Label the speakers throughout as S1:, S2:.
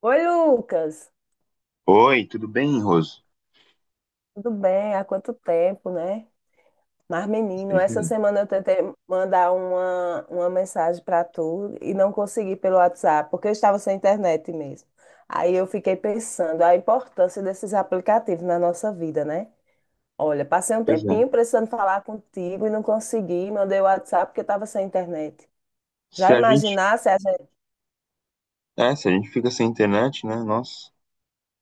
S1: Oi, Lucas.
S2: Oi, tudo bem, Roso?
S1: Tudo bem? Há quanto tempo, né? Mas, menino, essa
S2: Sim.
S1: semana eu tentei mandar uma mensagem para tu e não consegui pelo WhatsApp, porque eu estava sem internet mesmo. Aí eu fiquei pensando a importância desses aplicativos na nossa vida, né? Olha, passei um
S2: Pois é.
S1: tempinho precisando falar contigo e não consegui, mandei o WhatsApp porque eu estava sem internet.
S2: Se
S1: Já
S2: a gente,
S1: imaginasse a gente.
S2: se a gente fica sem internet, né? Nossa,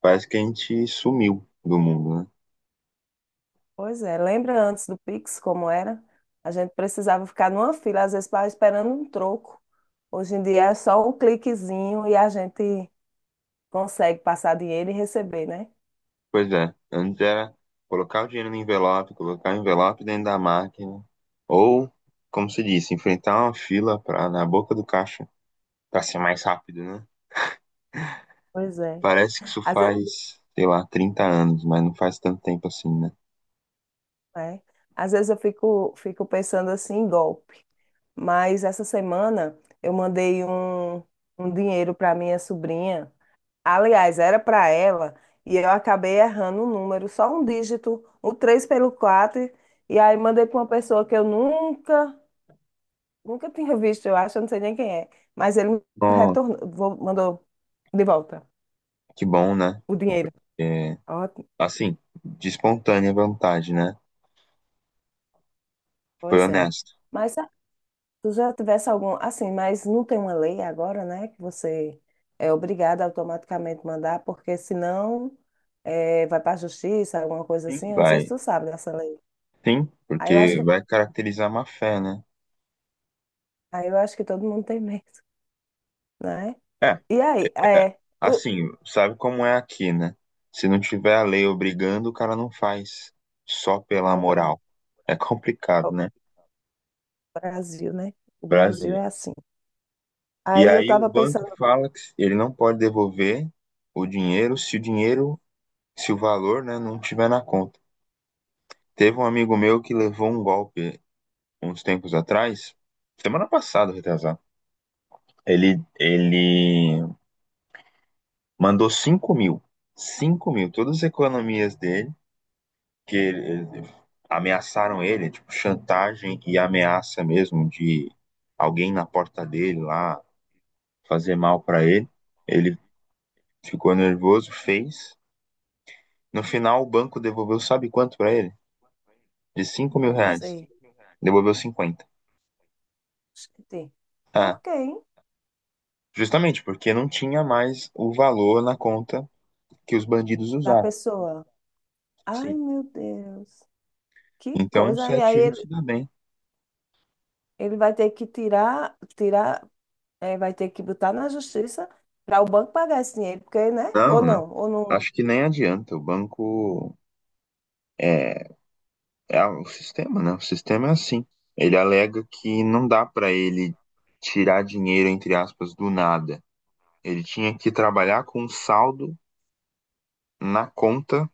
S2: parece que a gente sumiu do mundo, né?
S1: Pois é, lembra antes do Pix como era? A gente precisava ficar numa fila, às vezes para esperando um troco. Hoje em dia é só um cliquezinho e a gente consegue passar dinheiro e receber, né?
S2: Pois é. Antes era colocar o dinheiro no envelope, colocar o envelope dentro da máquina, ou, como se disse, enfrentar uma fila pra, na boca do caixa para ser mais rápido, né?
S1: Pois é.
S2: Parece que isso
S1: Às vezes,
S2: faz, sei lá, 30 anos, mas não faz tanto tempo assim, né?
S1: é. Às vezes eu fico pensando assim em golpe. Mas essa semana eu mandei um, um dinheiro para minha sobrinha. Aliás, era para ela, e eu acabei errando o número, só um dígito, o 3 pelo quatro. E aí mandei para uma pessoa que eu nunca tinha visto, eu acho, eu não sei nem quem é. Mas ele me
S2: Ó,
S1: retornou, mandou de volta
S2: que bom, né?
S1: o dinheiro.
S2: É,
S1: Ótimo,
S2: assim, de espontânea vontade, né? Foi
S1: pois é.
S2: honesto.
S1: Mas se tu já tivesse algum, assim, mas não tem uma lei agora, né, que você é obrigado a automaticamente mandar, porque senão vai para a justiça, alguma coisa
S2: Sim,
S1: assim. Eu não sei se
S2: vai.
S1: tu sabe dessa lei.
S2: Sim,
S1: Aí eu acho
S2: porque
S1: que
S2: vai caracterizar má fé, né?
S1: Aí eu acho que todo mundo tem medo, né?
S2: É,
S1: E aí,
S2: é,
S1: é, o,
S2: assim, sabe como é aqui, né? Se não tiver a lei obrigando, o cara não faz só pela
S1: é o,
S2: moral. É complicado,
S1: o
S2: né?
S1: Brasil, né? O Brasil
S2: Brasil.
S1: é assim.
S2: E
S1: Aí eu
S2: aí o
S1: tava
S2: banco
S1: pensando,
S2: fala que ele não pode devolver o dinheiro se o valor, né, não tiver na conta. Teve um amigo meu que levou um golpe uns tempos atrás, semana passada, retrasado. Ele mandou 5 mil. 5 mil. Todas as economias dele, que ele- ele- ameaçaram ele, tipo, chantagem e ameaça mesmo de alguém na porta dele lá fazer mal pra ele. Ele ficou nervoso, fez. No final, o banco devolveu, sabe quanto pra ele? De 5 mil
S1: não, não
S2: reais.
S1: sei,
S2: Devolveu 50.
S1: acho que tem.
S2: Ah,
S1: Por quê, hein?
S2: justamente porque não tinha mais o valor na conta que os bandidos
S1: Da
S2: usaram.
S1: pessoa. Ai,
S2: Sim.
S1: meu Deus, que
S2: Então, o
S1: coisa. E aí
S2: 7-1
S1: ele,
S2: se dá bem.
S1: ele vai ter que tirar, é, vai ter que botar na justiça para o banco pagar esse dinheiro, porque, né? Ou
S2: Não, não.
S1: não, ou não,
S2: Acho que nem adianta. O banco é, é o sistema, né? O sistema é assim. Ele alega que não dá para ele tirar dinheiro, entre aspas, do nada. Ele tinha que trabalhar com um saldo na conta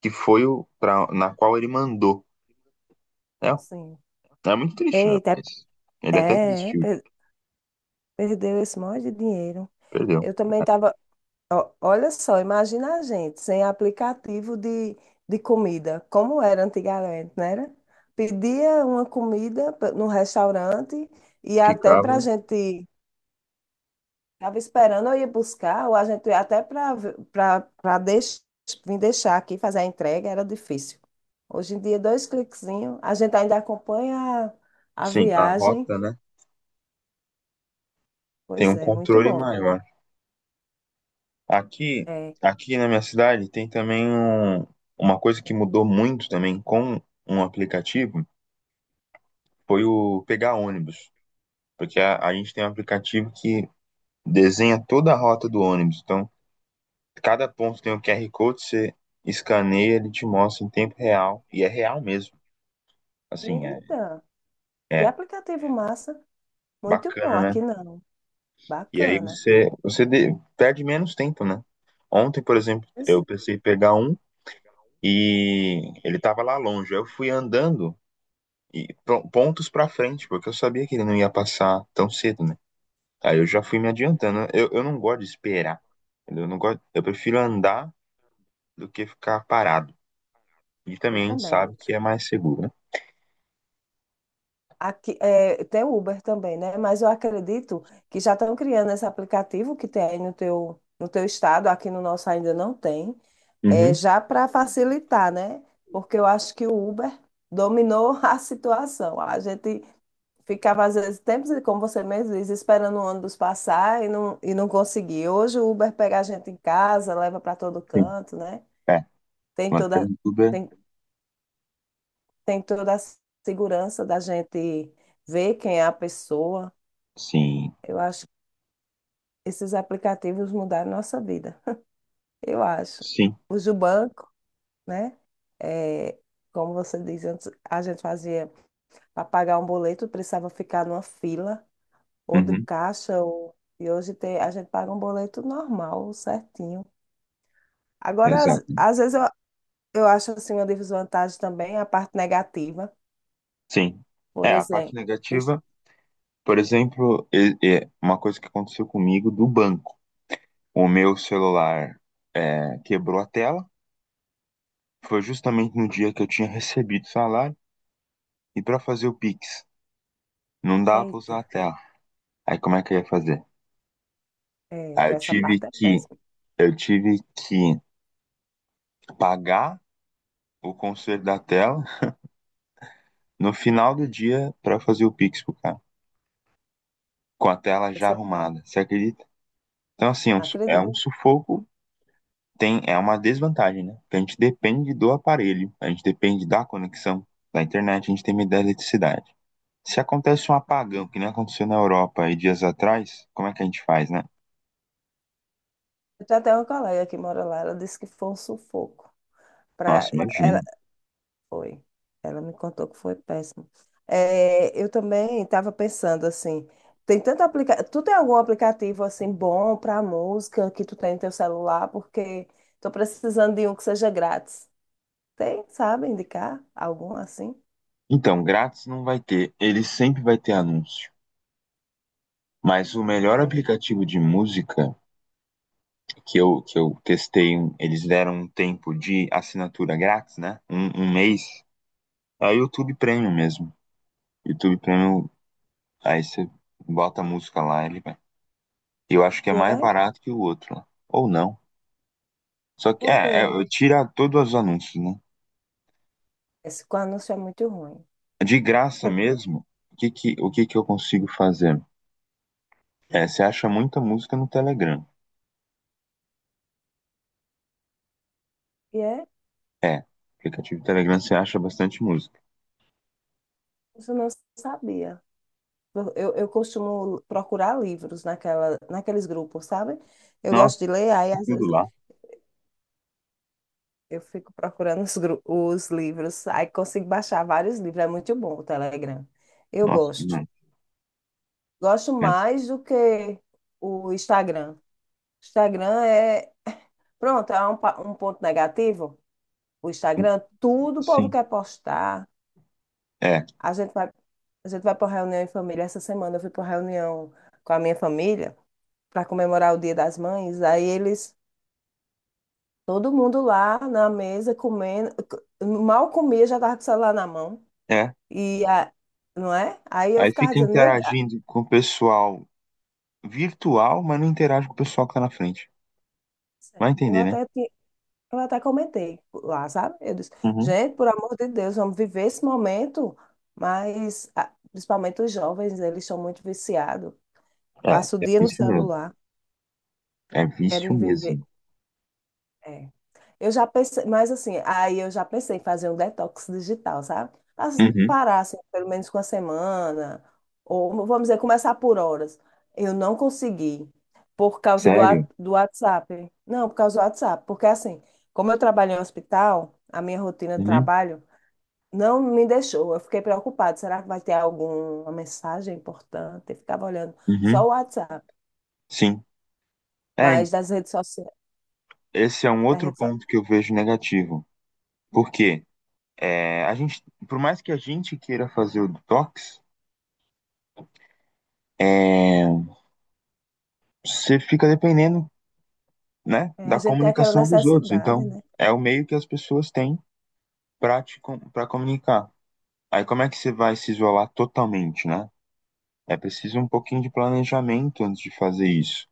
S2: que foi o pra, na qual ele mandou. É,
S1: sim.
S2: é muito triste, né?
S1: Eita,
S2: Mas ele até
S1: é, é,
S2: desistiu,
S1: perdeu esse monte de dinheiro.
S2: perdeu.
S1: Eu também estava. Ó, olha só, imagina a gente sem aplicativo de comida, como era antigamente, não era? Pedia uma comida no restaurante e até para a
S2: Ficava,
S1: gente, estava esperando eu ir buscar, ou a gente ia até para para vir deixar aqui, fazer a entrega, era difícil. Hoje em dia, dois cliquezinhos, a gente ainda acompanha a
S2: sim, a
S1: viagem.
S2: rota, né? Tem
S1: Pois
S2: um
S1: é, muito
S2: controle
S1: bom.
S2: maior. Aqui,
S1: É.
S2: aqui na minha cidade tem também uma coisa que mudou muito também com um aplicativo, foi o pegar ônibus, porque a gente tem um aplicativo que desenha toda a rota do ônibus. Então, cada ponto tem um QR Code, você escaneia, ele te mostra em tempo real, e é real mesmo. Assim,
S1: Eita, que
S2: é
S1: aplicativo massa! Muito bom,
S2: bacana, né?
S1: aqui não.
S2: E aí
S1: Bacana.
S2: você perde menos tempo, né? Ontem, por exemplo,
S1: Pois
S2: eu
S1: é,
S2: pensei em pegar um e ele tava lá longe. Aí eu fui andando e pontos pra frente, porque eu sabia que ele não ia passar tão cedo, né? Aí eu já fui me adiantando, né? Eu não gosto de esperar, entendeu? Eu não gosto, eu prefiro andar do que ficar parado. E
S1: eu
S2: também a gente
S1: também.
S2: sabe que é mais seguro, né?
S1: Aqui, é, tem o Uber também, né? Mas eu acredito que já estão criando esse aplicativo que tem aí no teu, no teu estado, aqui no nosso ainda não tem, é,
S2: Uhum,
S1: já para facilitar, né? Porque eu acho que o Uber dominou a situação. A gente ficava, às vezes, tempos, como você mesmo diz, esperando o ônibus passar e não conseguia. Hoje o Uber pega a gente em casa, leva para todo
S2: sim.
S1: canto, né?
S2: É,
S1: Tem toda,
S2: vantagem de tudo é
S1: tem tem toda a segurança da gente ver quem é a pessoa.
S2: sim,
S1: Eu acho que esses aplicativos mudaram nossa vida. Eu acho.
S2: sim,
S1: Usa o banco, né? É, como você diz, antes a gente fazia para pagar um boleto, precisava ficar numa fila, ou de
S2: uhum,
S1: caixa, ou... e hoje tem, a gente paga um boleto normal, certinho. Agora, às,
S2: exato.
S1: às vezes, eu acho assim uma desvantagem também a parte negativa.
S2: Sim.
S1: Por
S2: É, a parte
S1: exemplo, os-
S2: negativa, por exemplo, é uma coisa que aconteceu comigo do banco. O meu celular quebrou a tela. Foi justamente no dia que eu tinha recebido o salário. E para fazer o Pix, não dá para
S1: eita,
S2: usar a tela. Aí como é que eu ia fazer?
S1: é,
S2: Aí
S1: tem essa parte é péssima.
S2: eu tive que pagar o conserto da tela no final do dia para fazer o Pix pro cara, com a tela já
S1: Essa,
S2: arrumada. Você acredita? Então assim, é
S1: acredito.
S2: um sufoco, tem, é uma desvantagem, né? Porque a gente depende do aparelho, a gente depende da conexão da internet, a gente tem medo da eletricidade. Se acontece um apagão, que nem aconteceu na Europa aí dias atrás, como é que a gente faz, né?
S1: Eu já tenho até uma colega que mora lá, ela disse que foi um sufoco. Pra,
S2: Nossa, imagina.
S1: ela, foi. Ela me contou que foi péssimo. É, eu também estava pensando assim, tem tanto aplicativo. Tu tem algum aplicativo assim bom para música que tu tem no teu celular? Porque estou precisando de um que seja grátis. Tem, sabe, indicar algum assim?
S2: Então, grátis não vai ter, ele sempre vai ter anúncio. Mas o melhor
S1: É.
S2: aplicativo de música que eu testei, eles deram um tempo de assinatura grátis, né? Um mês. É o YouTube Premium mesmo. YouTube Premium, aí você bota a música lá, ele vai. Eu acho que é
S1: E
S2: mais
S1: é,
S2: barato que o outro, né? Ou não. Só
S1: eu
S2: que,
S1: vou ver.
S2: tira todos os anúncios, né?
S1: Esse com anúncio é muito ruim.
S2: De graça mesmo, o que que eu consigo fazer? É, você acha muita música no Telegram.
S1: E é,
S2: É, no aplicativo do Telegram você acha bastante música.
S1: isso eu não sabia. Eu costumo procurar livros naquela, naqueles grupos, sabe? Eu gosto de
S2: Nossa,
S1: ler, aí às
S2: tudo
S1: vezes
S2: lá.
S1: eu fico procurando os, os livros, aí consigo baixar vários livros, é muito bom o Telegram. Eu
S2: Nossa,
S1: gosto.
S2: demais.
S1: Gosto
S2: É,
S1: mais do que o Instagram. Instagram é, pronto, é um, um ponto negativo. O Instagram, tudo o povo
S2: sim,
S1: quer postar.
S2: é,
S1: A gente vai, a gente vai para uma reunião em família. Essa semana eu fui para uma reunião com a minha família para comemorar o Dia das Mães, aí eles. Todo mundo lá na mesa comendo, mal comia, já tava com o celular na mão.
S2: é.
S1: E não é? Aí eu
S2: Aí
S1: ficava
S2: fica
S1: dizendo, meu,
S2: interagindo com o pessoal virtual, mas não interage com o pessoal que tá na frente.
S1: Deus,
S2: Vai
S1: eu
S2: entender, né?
S1: até eu até comentei lá, sabe? Eu disse,
S2: Uhum.
S1: gente, por amor de Deus, vamos viver esse momento, mas ah, principalmente os jovens, eles são muito viciados.
S2: É,
S1: Passa o
S2: é
S1: dia no
S2: vício mesmo.
S1: celular,
S2: É vício
S1: querem viver.
S2: mesmo.
S1: É. Eu já pensei, mas assim, aí eu já pensei em fazer um detox digital, sabe?
S2: Uhum.
S1: Parar, assim, pelo menos com a semana, ou vamos dizer, começar por horas. Eu não consegui, por causa do,
S2: Sério?
S1: do WhatsApp. Não, por causa do WhatsApp, porque assim, como eu trabalho em hospital, a minha rotina de
S2: Uhum.
S1: trabalho não me deixou. Eu fiquei preocupada, será que vai ter alguma mensagem importante? Eu ficava olhando só
S2: Uhum.
S1: o WhatsApp,
S2: Sim. É,
S1: mas das redes sociais.
S2: esse é um outro ponto que eu vejo negativo. Por quê? É, a gente, por mais que a gente queira fazer o detox, é, você fica dependendo, né,
S1: É, a
S2: da
S1: gente tem aquela
S2: comunicação dos outros.
S1: necessidade,
S2: Então,
S1: né?
S2: é o meio que as pessoas têm para para comunicar. Aí, como é que você vai se isolar totalmente, né? É preciso um pouquinho de planejamento antes de fazer isso.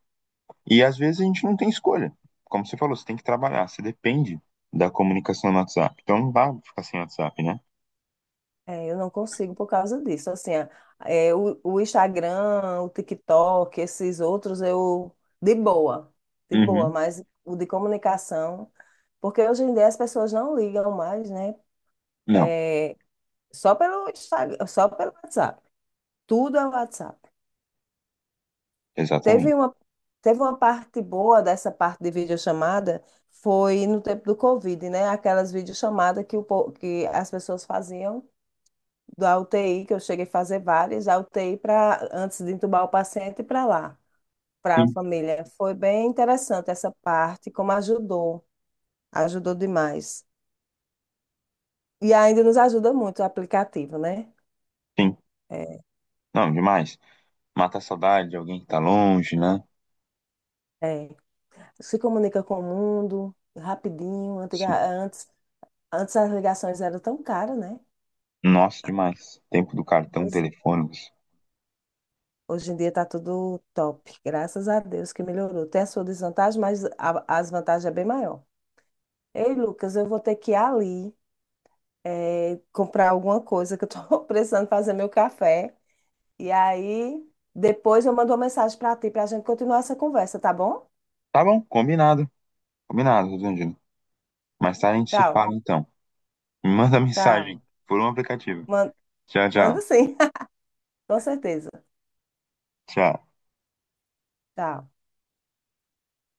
S2: E às vezes a gente não tem escolha. Como você falou, você tem que trabalhar, você depende da comunicação no WhatsApp. Então não dá pra ficar sem WhatsApp, né?
S1: É, eu não consigo por causa disso. Assim, é, o Instagram, o TikTok, esses outros, eu de boa, de boa,
S2: Uhum.
S1: mas o de comunicação, porque hoje em dia as pessoas não ligam mais, né?
S2: Não,
S1: É, só pelo Instagram, só pelo WhatsApp. Tudo é WhatsApp.
S2: exatamente.
S1: Teve uma, teve uma parte boa dessa parte de videochamada, foi no tempo do Covid, né? Aquelas videochamadas que, o, que as pessoas faziam da UTI, que eu cheguei a fazer várias, a UTI para antes de entubar o paciente para lá, para a
S2: Sim,
S1: família. Foi bem interessante essa parte, como ajudou, ajudou demais. E ainda nos ajuda muito o aplicativo, né?
S2: sim.
S1: É,
S2: Não, demais. Mata a saudade de alguém que tá longe, né?
S1: é, se comunica com o mundo rapidinho.
S2: Sim.
S1: Antes, antes as ligações eram tão caras, né?
S2: Nossa, demais. Tempo do cartão
S1: Pois-
S2: telefônico.
S1: Hoje em dia está tudo top. Graças a Deus que melhorou. Tem a sua desvantagem, mas as vantagens é bem maior. Ei, Lucas, eu vou ter que ir ali. É, comprar alguma coisa que eu tô precisando fazer meu café. E aí, depois eu mando uma mensagem para ti para a gente continuar essa conversa, tá bom?
S2: Tá bom, combinado. Combinado, Rosandino. Mais tarde a gente se
S1: Tchau,
S2: fala então. Me manda
S1: tchau.
S2: mensagem por um aplicativo.
S1: Man-
S2: Tchau,
S1: Manda
S2: tchau.
S1: sim, com certeza.
S2: Tchau.
S1: Tchau.